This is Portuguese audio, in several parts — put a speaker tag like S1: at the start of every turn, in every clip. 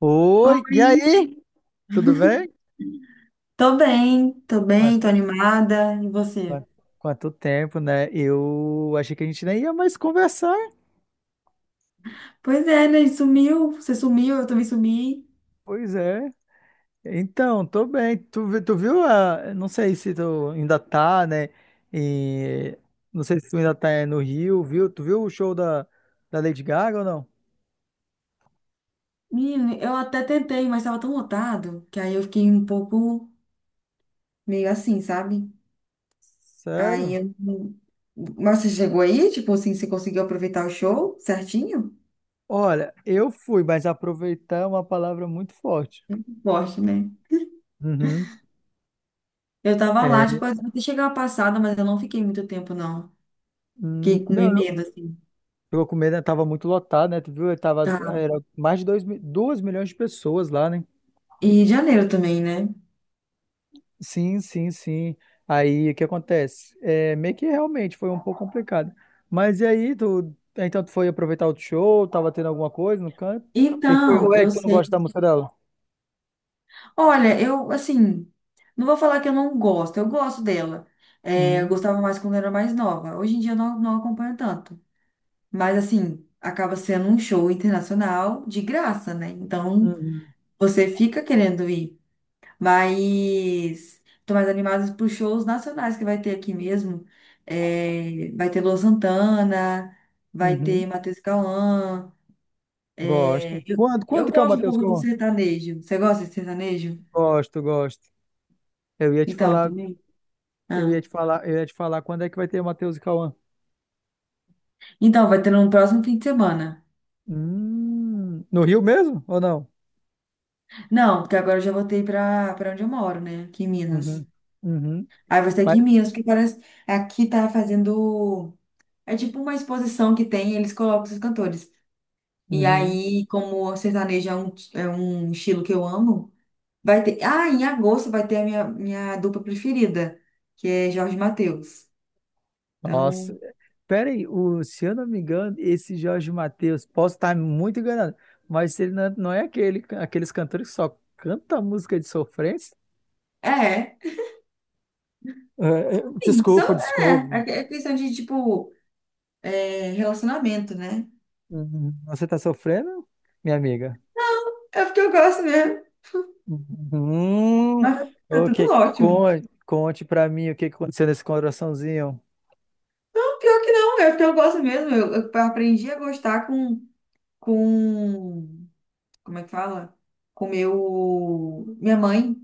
S1: Oi, e
S2: Oi,
S1: aí? Tudo bem?
S2: tô bem, tô bem, tô
S1: Quanto,
S2: animada. E você?
S1: quanto, quanto tempo, né? Eu achei que a gente nem ia mais conversar.
S2: Pois é, né? Sumiu, você sumiu, eu também sumi.
S1: Pois é. Então, tô bem. Tu viu a... Não sei se tu ainda tá, né? E... Não sei se tu ainda tá é, no Rio, viu? Tu viu o show da Lady Gaga ou não?
S2: Menino, eu até tentei, mas tava tão lotado que aí eu fiquei um pouco meio assim, sabe? Aí
S1: Sério?
S2: eu. Mas você chegou aí, tipo assim, você conseguiu aproveitar o show certinho?
S1: Olha, eu fui, mas aproveitar é uma palavra muito forte.
S2: Forte, né?
S1: Uhum.
S2: Eu tava lá,
S1: É.
S2: tipo, até chegar a passada, mas eu não fiquei muito tempo, não. Fiquei com meio
S1: Não.
S2: medo, assim.
S1: Ficou com medo, né? Tava muito lotado, né? Tu viu? Tava,
S2: Tá.
S1: era mais de 2 milhões de pessoas lá, né?
S2: E janeiro também, né?
S1: Sim, sim, sim. Aí o que acontece? É, meio que realmente foi um pouco complicado. Mas e aí, tu, então tu foi aproveitar o show? Tava tendo alguma coisa no canto? O que que foi?
S2: Então,
S1: Ou é
S2: eu
S1: que tu não
S2: sei.
S1: gosta da música dela?
S2: Olha, eu, assim, não vou falar que eu não gosto, eu gosto dela. É, eu
S1: Uhum,
S2: gostava mais quando era mais nova. Hoje em dia eu não, não acompanho tanto. Mas, assim, acaba sendo um show internacional de graça, né? Então,
S1: uhum,
S2: você fica querendo ir. Mas, tô mais animada para shows nacionais que vai ter aqui mesmo. É, vai ter Luan Santana, vai ter
S1: uhum.
S2: Matheus Cauã. É,
S1: Gosto.
S2: eu,
S1: Quando,
S2: eu
S1: quando que é o
S2: gosto um
S1: Matheus
S2: pouco do
S1: Cauã?
S2: sertanejo. Você gosta de sertanejo?
S1: Gosto, gosto. Eu ia te
S2: Então,
S1: falar,
S2: também.
S1: eu ia
S2: Ah.
S1: te falar, eu ia te falar quando é que vai ter o Matheus e Cauã.
S2: Então, vai ter no próximo fim de semana.
S1: No Rio mesmo ou não?
S2: Não, porque agora eu já voltei pra para onde eu moro, né? Aqui em Minas.
S1: Uhum, uhum,
S2: Aí vai ser
S1: mas,
S2: aqui em Minas, porque parece. Aqui tá fazendo. É tipo uma exposição que tem, eles colocam esses cantores. E
S1: uhum,
S2: aí, como o sertanejo é um estilo que eu amo, vai ter. Ah, em agosto vai ter a minha dupla preferida, que é Jorge Mateus.
S1: nossa,
S2: Então,
S1: peraí, o, se eu não me engano, esse Jorge Mateus, posso estar muito enganado, mas ele não, é, não é aquele, aqueles cantores que só canta música de sofrência?
S2: é.
S1: É, é,
S2: Sim,
S1: desculpa,
S2: só, é,
S1: desculpa.
S2: é é questão de, tipo, relacionamento, né?
S1: Uhum, você está sofrendo, minha amiga?
S2: É porque eu gosto mesmo.
S1: Hum,
S2: Mas tá
S1: ok,
S2: tudo ótimo.
S1: Conte para mim o que que aconteceu nesse coraçãozinho.
S2: Não, pior que não, eu gosto mesmo. Eu aprendi a gostar com. Como é que fala? Com meu. Minha mãe,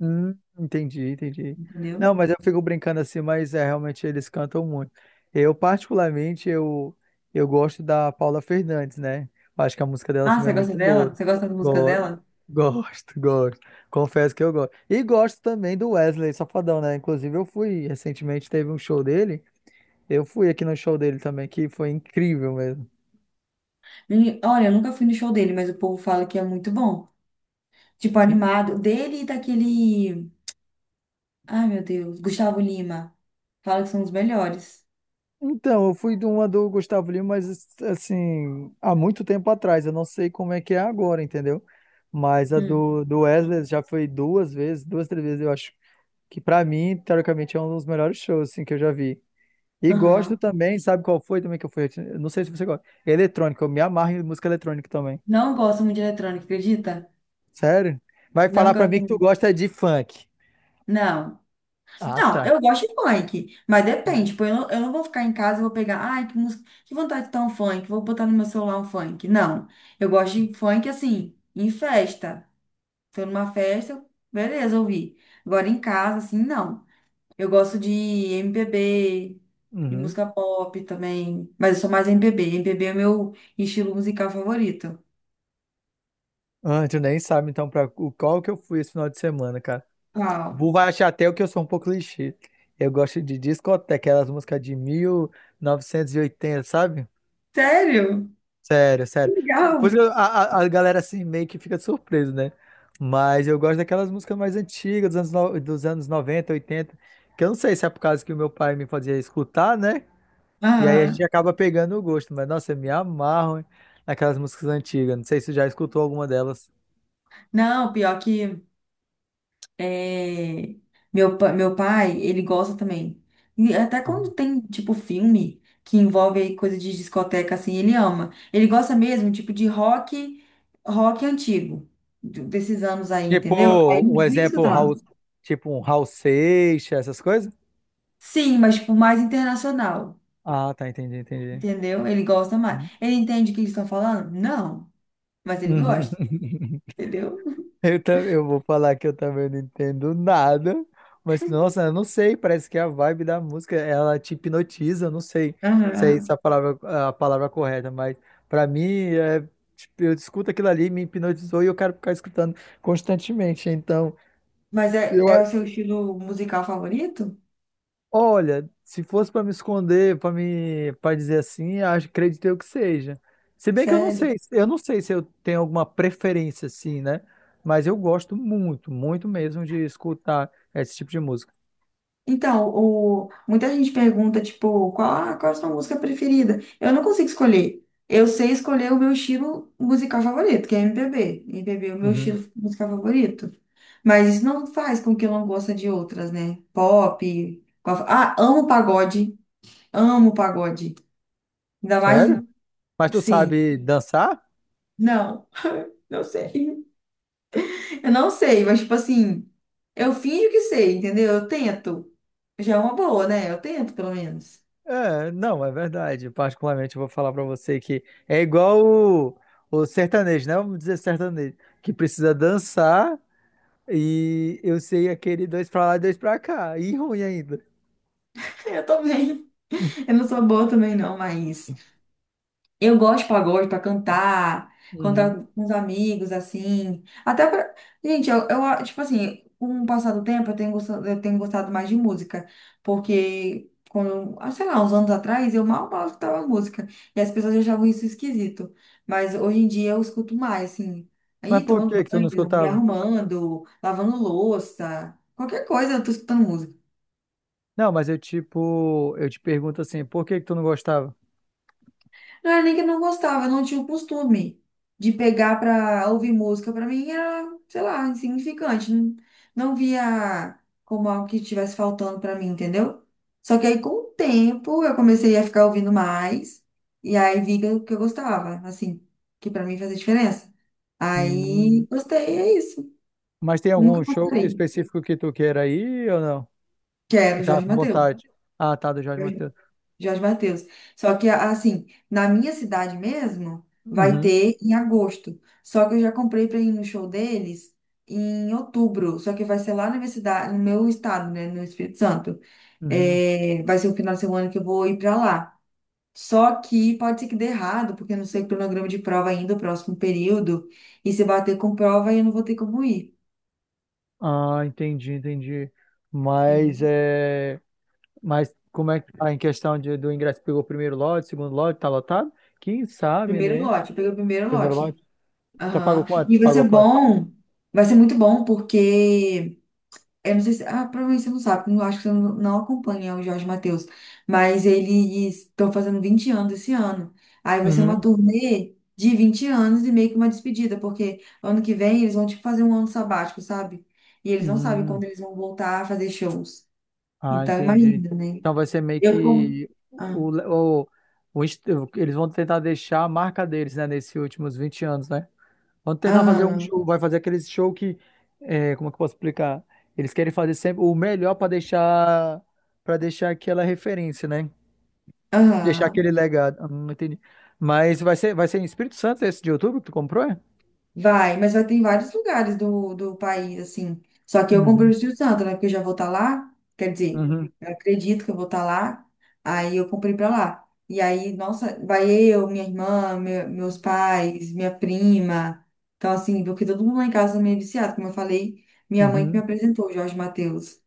S1: Entendi, entendi.
S2: entendeu?
S1: Não, mas eu fico brincando assim, mas é, realmente eles cantam muito. Eu, particularmente, eu gosto da Paula Fernandes, né? Eu acho que a música dela
S2: Ah,
S1: também é
S2: você gosta
S1: muito
S2: dela?
S1: boa.
S2: Você gosta das músicas
S1: Go-
S2: dela?
S1: Gosto, gosto. Confesso que eu gosto. E gosto também do Wesley Safadão, né? Inclusive, eu fui recentemente, teve um show dele. Eu fui aqui no show dele também, que foi incrível mesmo.
S2: E, olha, eu nunca fui no show dele, mas o povo fala que é muito bom. Tipo,
S1: Sim,
S2: animado. Dele e daquele. Ai, meu Deus, Gustavo Lima. Fala que são os melhores.
S1: então, eu fui de uma do Gustavo Lima, mas assim, há muito tempo atrás. Eu não sei como é que é agora, entendeu? Mas a
S2: Hum.
S1: do Wesley já foi duas vezes, duas, três vezes, eu acho que pra mim, teoricamente, é um dos melhores shows assim, que eu já vi. E gosto
S2: Aham.
S1: também, sabe qual foi também que eu fui? Eu não sei se você gosta. Eletrônica, eu me amarro em música eletrônica também.
S2: Não gosto muito de eletrônica, acredita?
S1: Sério? Vai
S2: Não
S1: falar pra mim
S2: gosto
S1: que tu
S2: muito.
S1: gosta de funk.
S2: Não.
S1: Ah,
S2: Não,
S1: tá.
S2: eu gosto de funk, mas depende. Tipo, eu não vou ficar em casa e vou pegar, ai, que música, que vontade de dar um funk, vou botar no meu celular um funk. Não, eu gosto de funk assim, em festa. Tô numa festa, beleza, ouvi. Agora em casa, assim, não. Eu gosto de MPB, de
S1: Uhum.
S2: música pop também, mas eu sou mais M M B MPB. B é o meu estilo musical favorito.
S1: Ah, tu nem sabe então qual que eu fui esse final de semana, cara.
S2: Uau.
S1: Vou vai achar até o que eu sou um pouco clichê. Eu gosto de discoteca, aquelas músicas de 1980, sabe?
S2: Sério?
S1: Sério,
S2: Que
S1: sério. Por isso
S2: legal.
S1: que a galera assim meio que fica surpresa, né? Mas eu gosto daquelas músicas mais antigas, dos anos, no- dos anos 90, 80, que eu não sei se é por causa que o meu pai me fazia escutar, né? E aí a gente
S2: Aham.
S1: acaba pegando o gosto. Mas, nossa, eu me amarro hein, naquelas músicas antigas. Não sei se você já escutou alguma delas.
S2: Não, pior que. É, meu pai, ele gosta também. E até
S1: Uhum.
S2: quando tem, tipo, filme que envolve aí coisa de discoteca, assim, ele ama. Ele gosta mesmo, tipo, de rock, rock antigo, desses anos aí, entendeu? Aí
S1: Tipo, um
S2: ele vive
S1: exemplo,
S2: escutando.
S1: tipo um Raul Seixas, essas coisas?
S2: Sim, mas, tipo, mais internacional,
S1: Ah, tá, entendi, entendi.
S2: entendeu? Ele gosta mais.
S1: Uhum.
S2: Ele entende o que eles estão falando? Não, mas ele gosta, entendeu?
S1: Eu vou falar que eu também não entendo nada, mas nossa, eu não sei, parece que a vibe da música, ela te hipnotiza, eu não sei se é essa
S2: Aham.
S1: a palavra correta, mas pra mim, é, tipo, eu escuto aquilo ali, me hipnotizou e eu quero ficar escutando constantemente, então
S2: Mas é,
S1: eu,
S2: é o seu estilo musical favorito?
S1: olha, se fosse para me esconder, para dizer assim, acho, acredito eu que seja. Se bem que
S2: Sério?
S1: eu não sei se eu tenho alguma preferência assim, né? Mas eu gosto muito, muito mesmo de escutar esse tipo de música.
S2: Então, muita gente pergunta, tipo, qual a sua música preferida? Eu não consigo escolher. Eu sei escolher o meu estilo musical favorito, que é MPB. MPB é o meu
S1: Uhum.
S2: estilo musical favorito. Mas isso não faz com que eu não goste de outras, né? Pop. Ah, amo pagode. Amo pagode. Ainda mais,
S1: Sério? Mas tu
S2: sim.
S1: sabe dançar?
S2: Não, não sei. Eu não sei, mas, tipo assim, eu finjo que sei, entendeu? Eu tento. Já é uma boa, né? Eu tento, pelo menos.
S1: É, não, é verdade. Particularmente, eu vou falar para você que é igual o, o sertanejo, né? Vamos dizer sertanejo, que precisa dançar e eu sei aquele dois para lá e dois para cá. E ruim ainda.
S2: Eu também. Eu não sou boa também, não, mas eu gosto de pagode pra cantar,
S1: Uhum.
S2: cantar com os amigos, assim. Até pra. Gente, tipo assim, com o passar do tempo, eu tenho gostado mais de música. Porque, quando, ah, sei lá, uns anos atrás, eu mal mal escutava música. E as pessoas achavam isso esquisito. Mas hoje em dia eu escuto mais, assim.
S1: Mas
S2: Aí,
S1: por que
S2: tomando
S1: que tu não
S2: banho, me
S1: escutava?
S2: arrumando, lavando louça, qualquer coisa, eu tô escutando música.
S1: Não, mas eu tipo, eu te pergunto assim, por que que tu não gostava?
S2: Não era nem que eu não gostava, eu não tinha o costume de pegar pra ouvir música. Pra mim era, sei lá, insignificante. Não, não via como algo que estivesse faltando pra mim, entendeu? Só que aí com o tempo eu comecei a ficar ouvindo mais. E aí vi que eu gostava, assim, que pra mim fazia diferença. Aí
S1: Hum,
S2: gostei, é isso.
S1: mas tem
S2: Nunca
S1: algum
S2: mais parei.
S1: específico que tu queira ir ou não? Tu
S2: Quero
S1: tá
S2: Jorge
S1: com
S2: Mateus.
S1: vontade? Ah, tá, do Jorge Mateus.
S2: Jorge Mateus. Só que, assim, na minha cidade mesmo, vai
S1: Uhum,
S2: ter em agosto. Só que eu já comprei para ir no show deles em outubro. Só que vai ser lá na minha cidade, no meu estado, né, no Espírito Santo.
S1: uhum.
S2: É, vai ser o final de semana que eu vou ir para lá. Só que pode ser que dê errado, porque eu não sei o cronograma de prova ainda, o próximo período. E se bater com prova, eu não vou ter como ir.
S1: Ah, entendi, entendi.
S2: Entendeu?
S1: Mas é. Mas como é que tá em questão de, do ingresso? Pegou o primeiro lote, segundo lote, tá lotado? Quem sabe,
S2: Primeiro
S1: né?
S2: lote, eu peguei o primeiro
S1: Primeiro
S2: lote.
S1: lote. Tá pago
S2: Aham.
S1: quanto?
S2: E vai
S1: Pagou
S2: ser
S1: quanto?
S2: bom, vai ser muito bom, porque. Eu não sei se, ah, provavelmente você não sabe, porque eu acho que você não acompanha o Jorge Mateus, mas eles estão fazendo 20 anos esse ano. Aí vai ser uma
S1: Uhum.
S2: turnê de 20 anos e meio que uma despedida, porque ano que vem eles vão tipo fazer um ano sabático, sabe? E eles não sabem
S1: Hum.
S2: quando eles vão voltar a fazer shows.
S1: Ah,
S2: Então
S1: entendi.
S2: imagina, né?
S1: Então vai ser meio
S2: Eu como.
S1: que
S2: Ah,
S1: o, o, o inst- eles vão tentar deixar a marca deles, né, nesses últimos 20 anos, né? Vão tentar fazer um
S2: aham,
S1: show, vai fazer aquele show que, é, como é que eu posso explicar? Eles querem fazer sempre o melhor para deixar aquela referência, né? Deixar
S2: aham.
S1: aquele legado. Entendi. Mas vai ser em Espírito Santo esse de outubro que tu comprou, é?
S2: Vai, mas vai ter em vários lugares do país, assim. Só que eu comprei o
S1: Uhum.
S2: Espírito Santo, né? Porque eu já vou estar lá. Quer dizer,
S1: Uhum.
S2: eu acredito que eu vou estar lá. Aí eu comprei pra lá. E aí, nossa, vai eu, minha irmã, meus pais, minha prima. Então, assim, porque todo mundo lá em casa é meio viciado. Como eu falei, minha mãe que me
S1: Uhum.
S2: apresentou, o Jorge Mateus.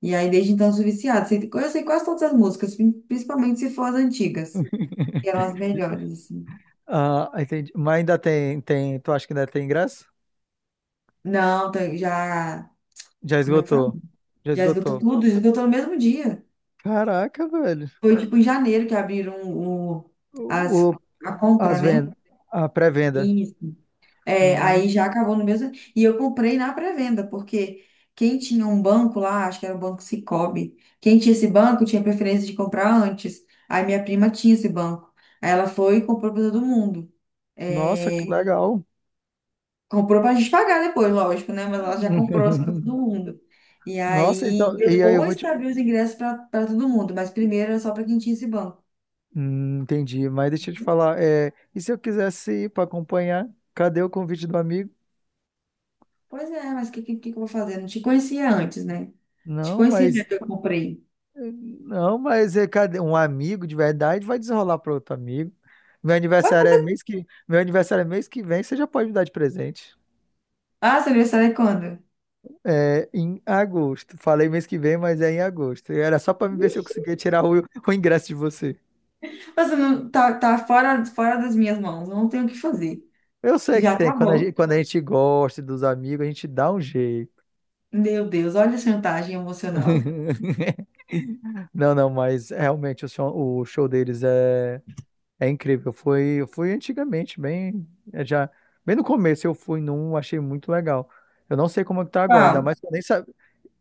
S2: E aí, desde então, eu sou viciada. Eu sei quase todas as músicas, principalmente se for as antigas, que eram as melhores, assim.
S1: Ah, entendi. Mas ainda tem, tem. Tu acha que ainda tem ingresso?
S2: Não, já.
S1: Já
S2: Como é que fala?
S1: esgotou. Já
S2: Já esgotou
S1: esgotou.
S2: tudo, esgotou no mesmo dia.
S1: Caraca, velho.
S2: Foi tipo em janeiro que abriram
S1: O,
S2: as,
S1: o-
S2: a
S1: As
S2: compra, né?
S1: vendas. A pré-venda.
S2: Isso. É, aí
S1: Hum,
S2: já acabou no mesmo. E eu comprei na pré-venda, porque quem tinha um banco lá, acho que era o Banco Sicoob, quem tinha esse banco tinha preferência de comprar antes. Aí minha prima tinha esse banco. Aí ela foi e comprou para todo mundo.
S1: nossa, que
S2: É,
S1: legal.
S2: comprou pra gente pagar depois, lógico, né? Mas ela já comprou para todo mundo. E
S1: Nossa,
S2: aí,
S1: então. E aí eu vou
S2: depois
S1: te.
S2: que abriu os ingressos para todo mundo, mas primeiro era só para quem tinha esse banco.
S1: Entendi. Mas deixa eu te falar. É, e se eu quisesse ir para acompanhar? Cadê o convite do amigo?
S2: Pois é, mas o que eu vou fazer? Não te conhecia antes, né? Te
S1: Não,
S2: conhecia
S1: mas
S2: né, que eu comprei.
S1: Não, mas é, cadê? Um amigo de verdade vai desenrolar para outro amigo.
S2: Ué,
S1: Meu aniversário é mês que vem, você já pode me dar de presente.
S2: ah, seu aniversário é quando?
S1: É em agosto. Falei mês que vem, mas é em agosto. E era só para me ver se eu
S2: Vixe.
S1: conseguia tirar o ingresso de você.
S2: Você não, tá fora das minhas mãos, eu não tenho o que fazer.
S1: Eu sei que
S2: Já
S1: tem.
S2: acabou.
S1: Quando a gente gosta dos amigos, a gente dá um jeito.
S2: Meu Deus, olha a chantagem emocional.
S1: Não, não, mas realmente o show deles é. É incrível. Foi, eu fui antigamente, é já, bem no começo eu fui num, achei muito legal. Eu não sei como é que tá agora, ainda
S2: Qual?
S1: mais que eu nem sabia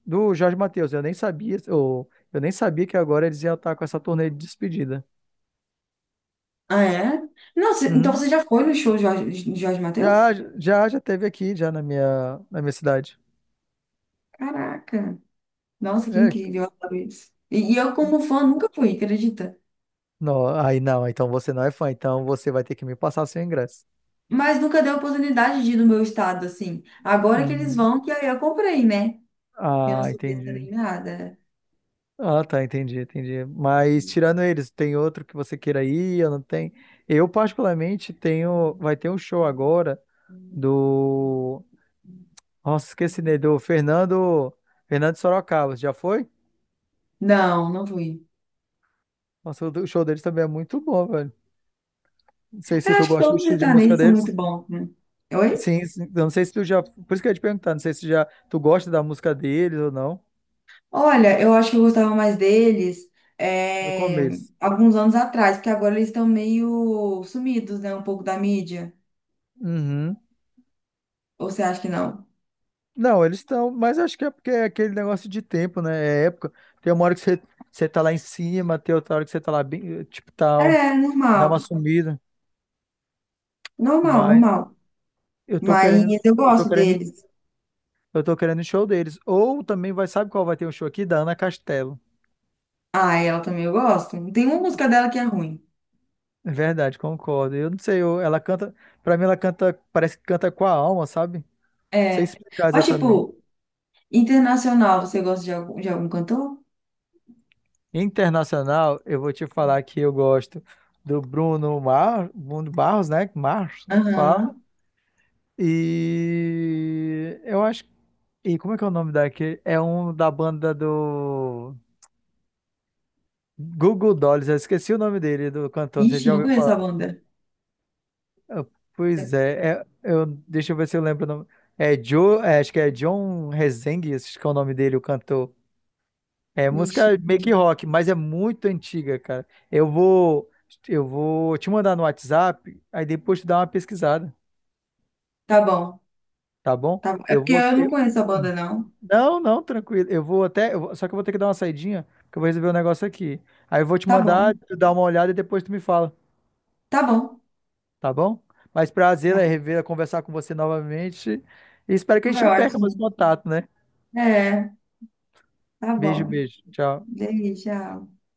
S1: do Jorge Mateus, eu nem sabia, ou eu nem sabia que agora eles iam estar com essa turnê de despedida.
S2: Ah, é? Não, então
S1: Uhum.
S2: você já foi no show de Jorge
S1: Já,
S2: Mateus?
S1: já, já teve aqui, já na minha cidade.
S2: Caraca. Nossa, que
S1: É,
S2: incrível, eu adoro isso. E eu, como fã, nunca fui, acredita?
S1: não, aí não, então você não é fã, então você vai ter que me passar seu ingresso.
S2: Mas nunca dei a oportunidade de ir no meu estado, assim. Agora que eles
S1: Hum,
S2: vão, que aí eu comprei, né? Eu não
S1: ah,
S2: sou besta
S1: entendi.
S2: nem nada.
S1: Ah, tá, entendi, entendi. Mas tirando eles, tem outro que você queira ir? Eu não tenho. Eu particularmente tenho, vai ter um show agora do, nossa, esqueci dele, do Fernando Sorocaba, já foi?
S2: Não, não fui.
S1: Nossa, o show deles também é muito bom, velho. Não sei
S2: Eu
S1: se tu
S2: acho que
S1: gosta do
S2: todos os
S1: estilo de música
S2: sertanejos são muito
S1: deles.
S2: bons, né? Oi?
S1: Sim, sim. Eu não sei se tu já, por isso que eu ia te perguntar, não sei se já tu gosta da música deles ou não,
S2: Olha, eu acho que eu gostava mais deles
S1: no
S2: é,
S1: começo.
S2: alguns anos atrás, porque agora eles estão meio sumidos, né? Um pouco da mídia.
S1: Uhum.
S2: Ou você acha que não?
S1: Não, eles estão, mas acho que é porque é aquele negócio de tempo, né? É época. Tem uma hora que você, você tá lá em cima, tem outra hora que você tá lá bem, tipo, tá um,
S2: É,
S1: dá
S2: normal.
S1: uma sumida.
S2: Normal,
S1: Mas
S2: normal.
S1: eu tô
S2: Mas
S1: querendo,
S2: eu
S1: eu tô
S2: gosto
S1: querendo,
S2: deles.
S1: eu tô querendo o show deles. Ou também vai, sabe qual vai ter um show aqui? Da Ana Castelo.
S2: Ah, ela também eu gosto. Tem uma música dela que é ruim.
S1: É verdade, concordo. Eu não sei, eu- Ela canta, pra mim ela canta, parece que canta com a alma, sabe? Não sei
S2: É.
S1: explicar
S2: Mas,
S1: exatamente.
S2: tipo, internacional, você gosta de algum, cantor?
S1: Internacional, eu vou te falar que eu gosto do Bruno Barros, né? Marros, fala.
S2: Aham.
S1: E eu acho. E como é que é o nome daquele? É um da banda do Google Dolls. Eu esqueci o nome dele, do cantor. Você
S2: Ixi,
S1: já
S2: não
S1: ouviu
S2: conheço
S1: falar?
S2: a banda.
S1: Ah, pois é, eu... deixa eu ver se eu lembro o nome. Acho que é John Rezende, acho que é o nome dele, o cantor. É
S2: Ixi.
S1: música meio que rock, mas é muito antiga, cara. Eu vou te mandar no WhatsApp, aí depois tu dá uma pesquisada,
S2: Tá bom.
S1: tá bom?
S2: Tá bom. É
S1: Eu
S2: porque
S1: vou,
S2: eu não
S1: eu-
S2: conheço a banda, não.
S1: Não, não, tranquilo. Eu vou até. Eu vou- Só que eu vou ter que dar uma saidinha, porque eu vou resolver um negócio aqui. Aí eu vou te
S2: Tá bom.
S1: mandar, tu dá uma olhada e depois tu me fala,
S2: Tá bom.
S1: tá bom? Mas prazer é
S2: Tá.
S1: rever, é conversar com você novamente. E espero que a
S2: Foi
S1: gente não perca mais
S2: ótimo.
S1: contato, né?
S2: É, tá
S1: Beijo,
S2: bom.
S1: beijo. Tchau.
S2: Delícia.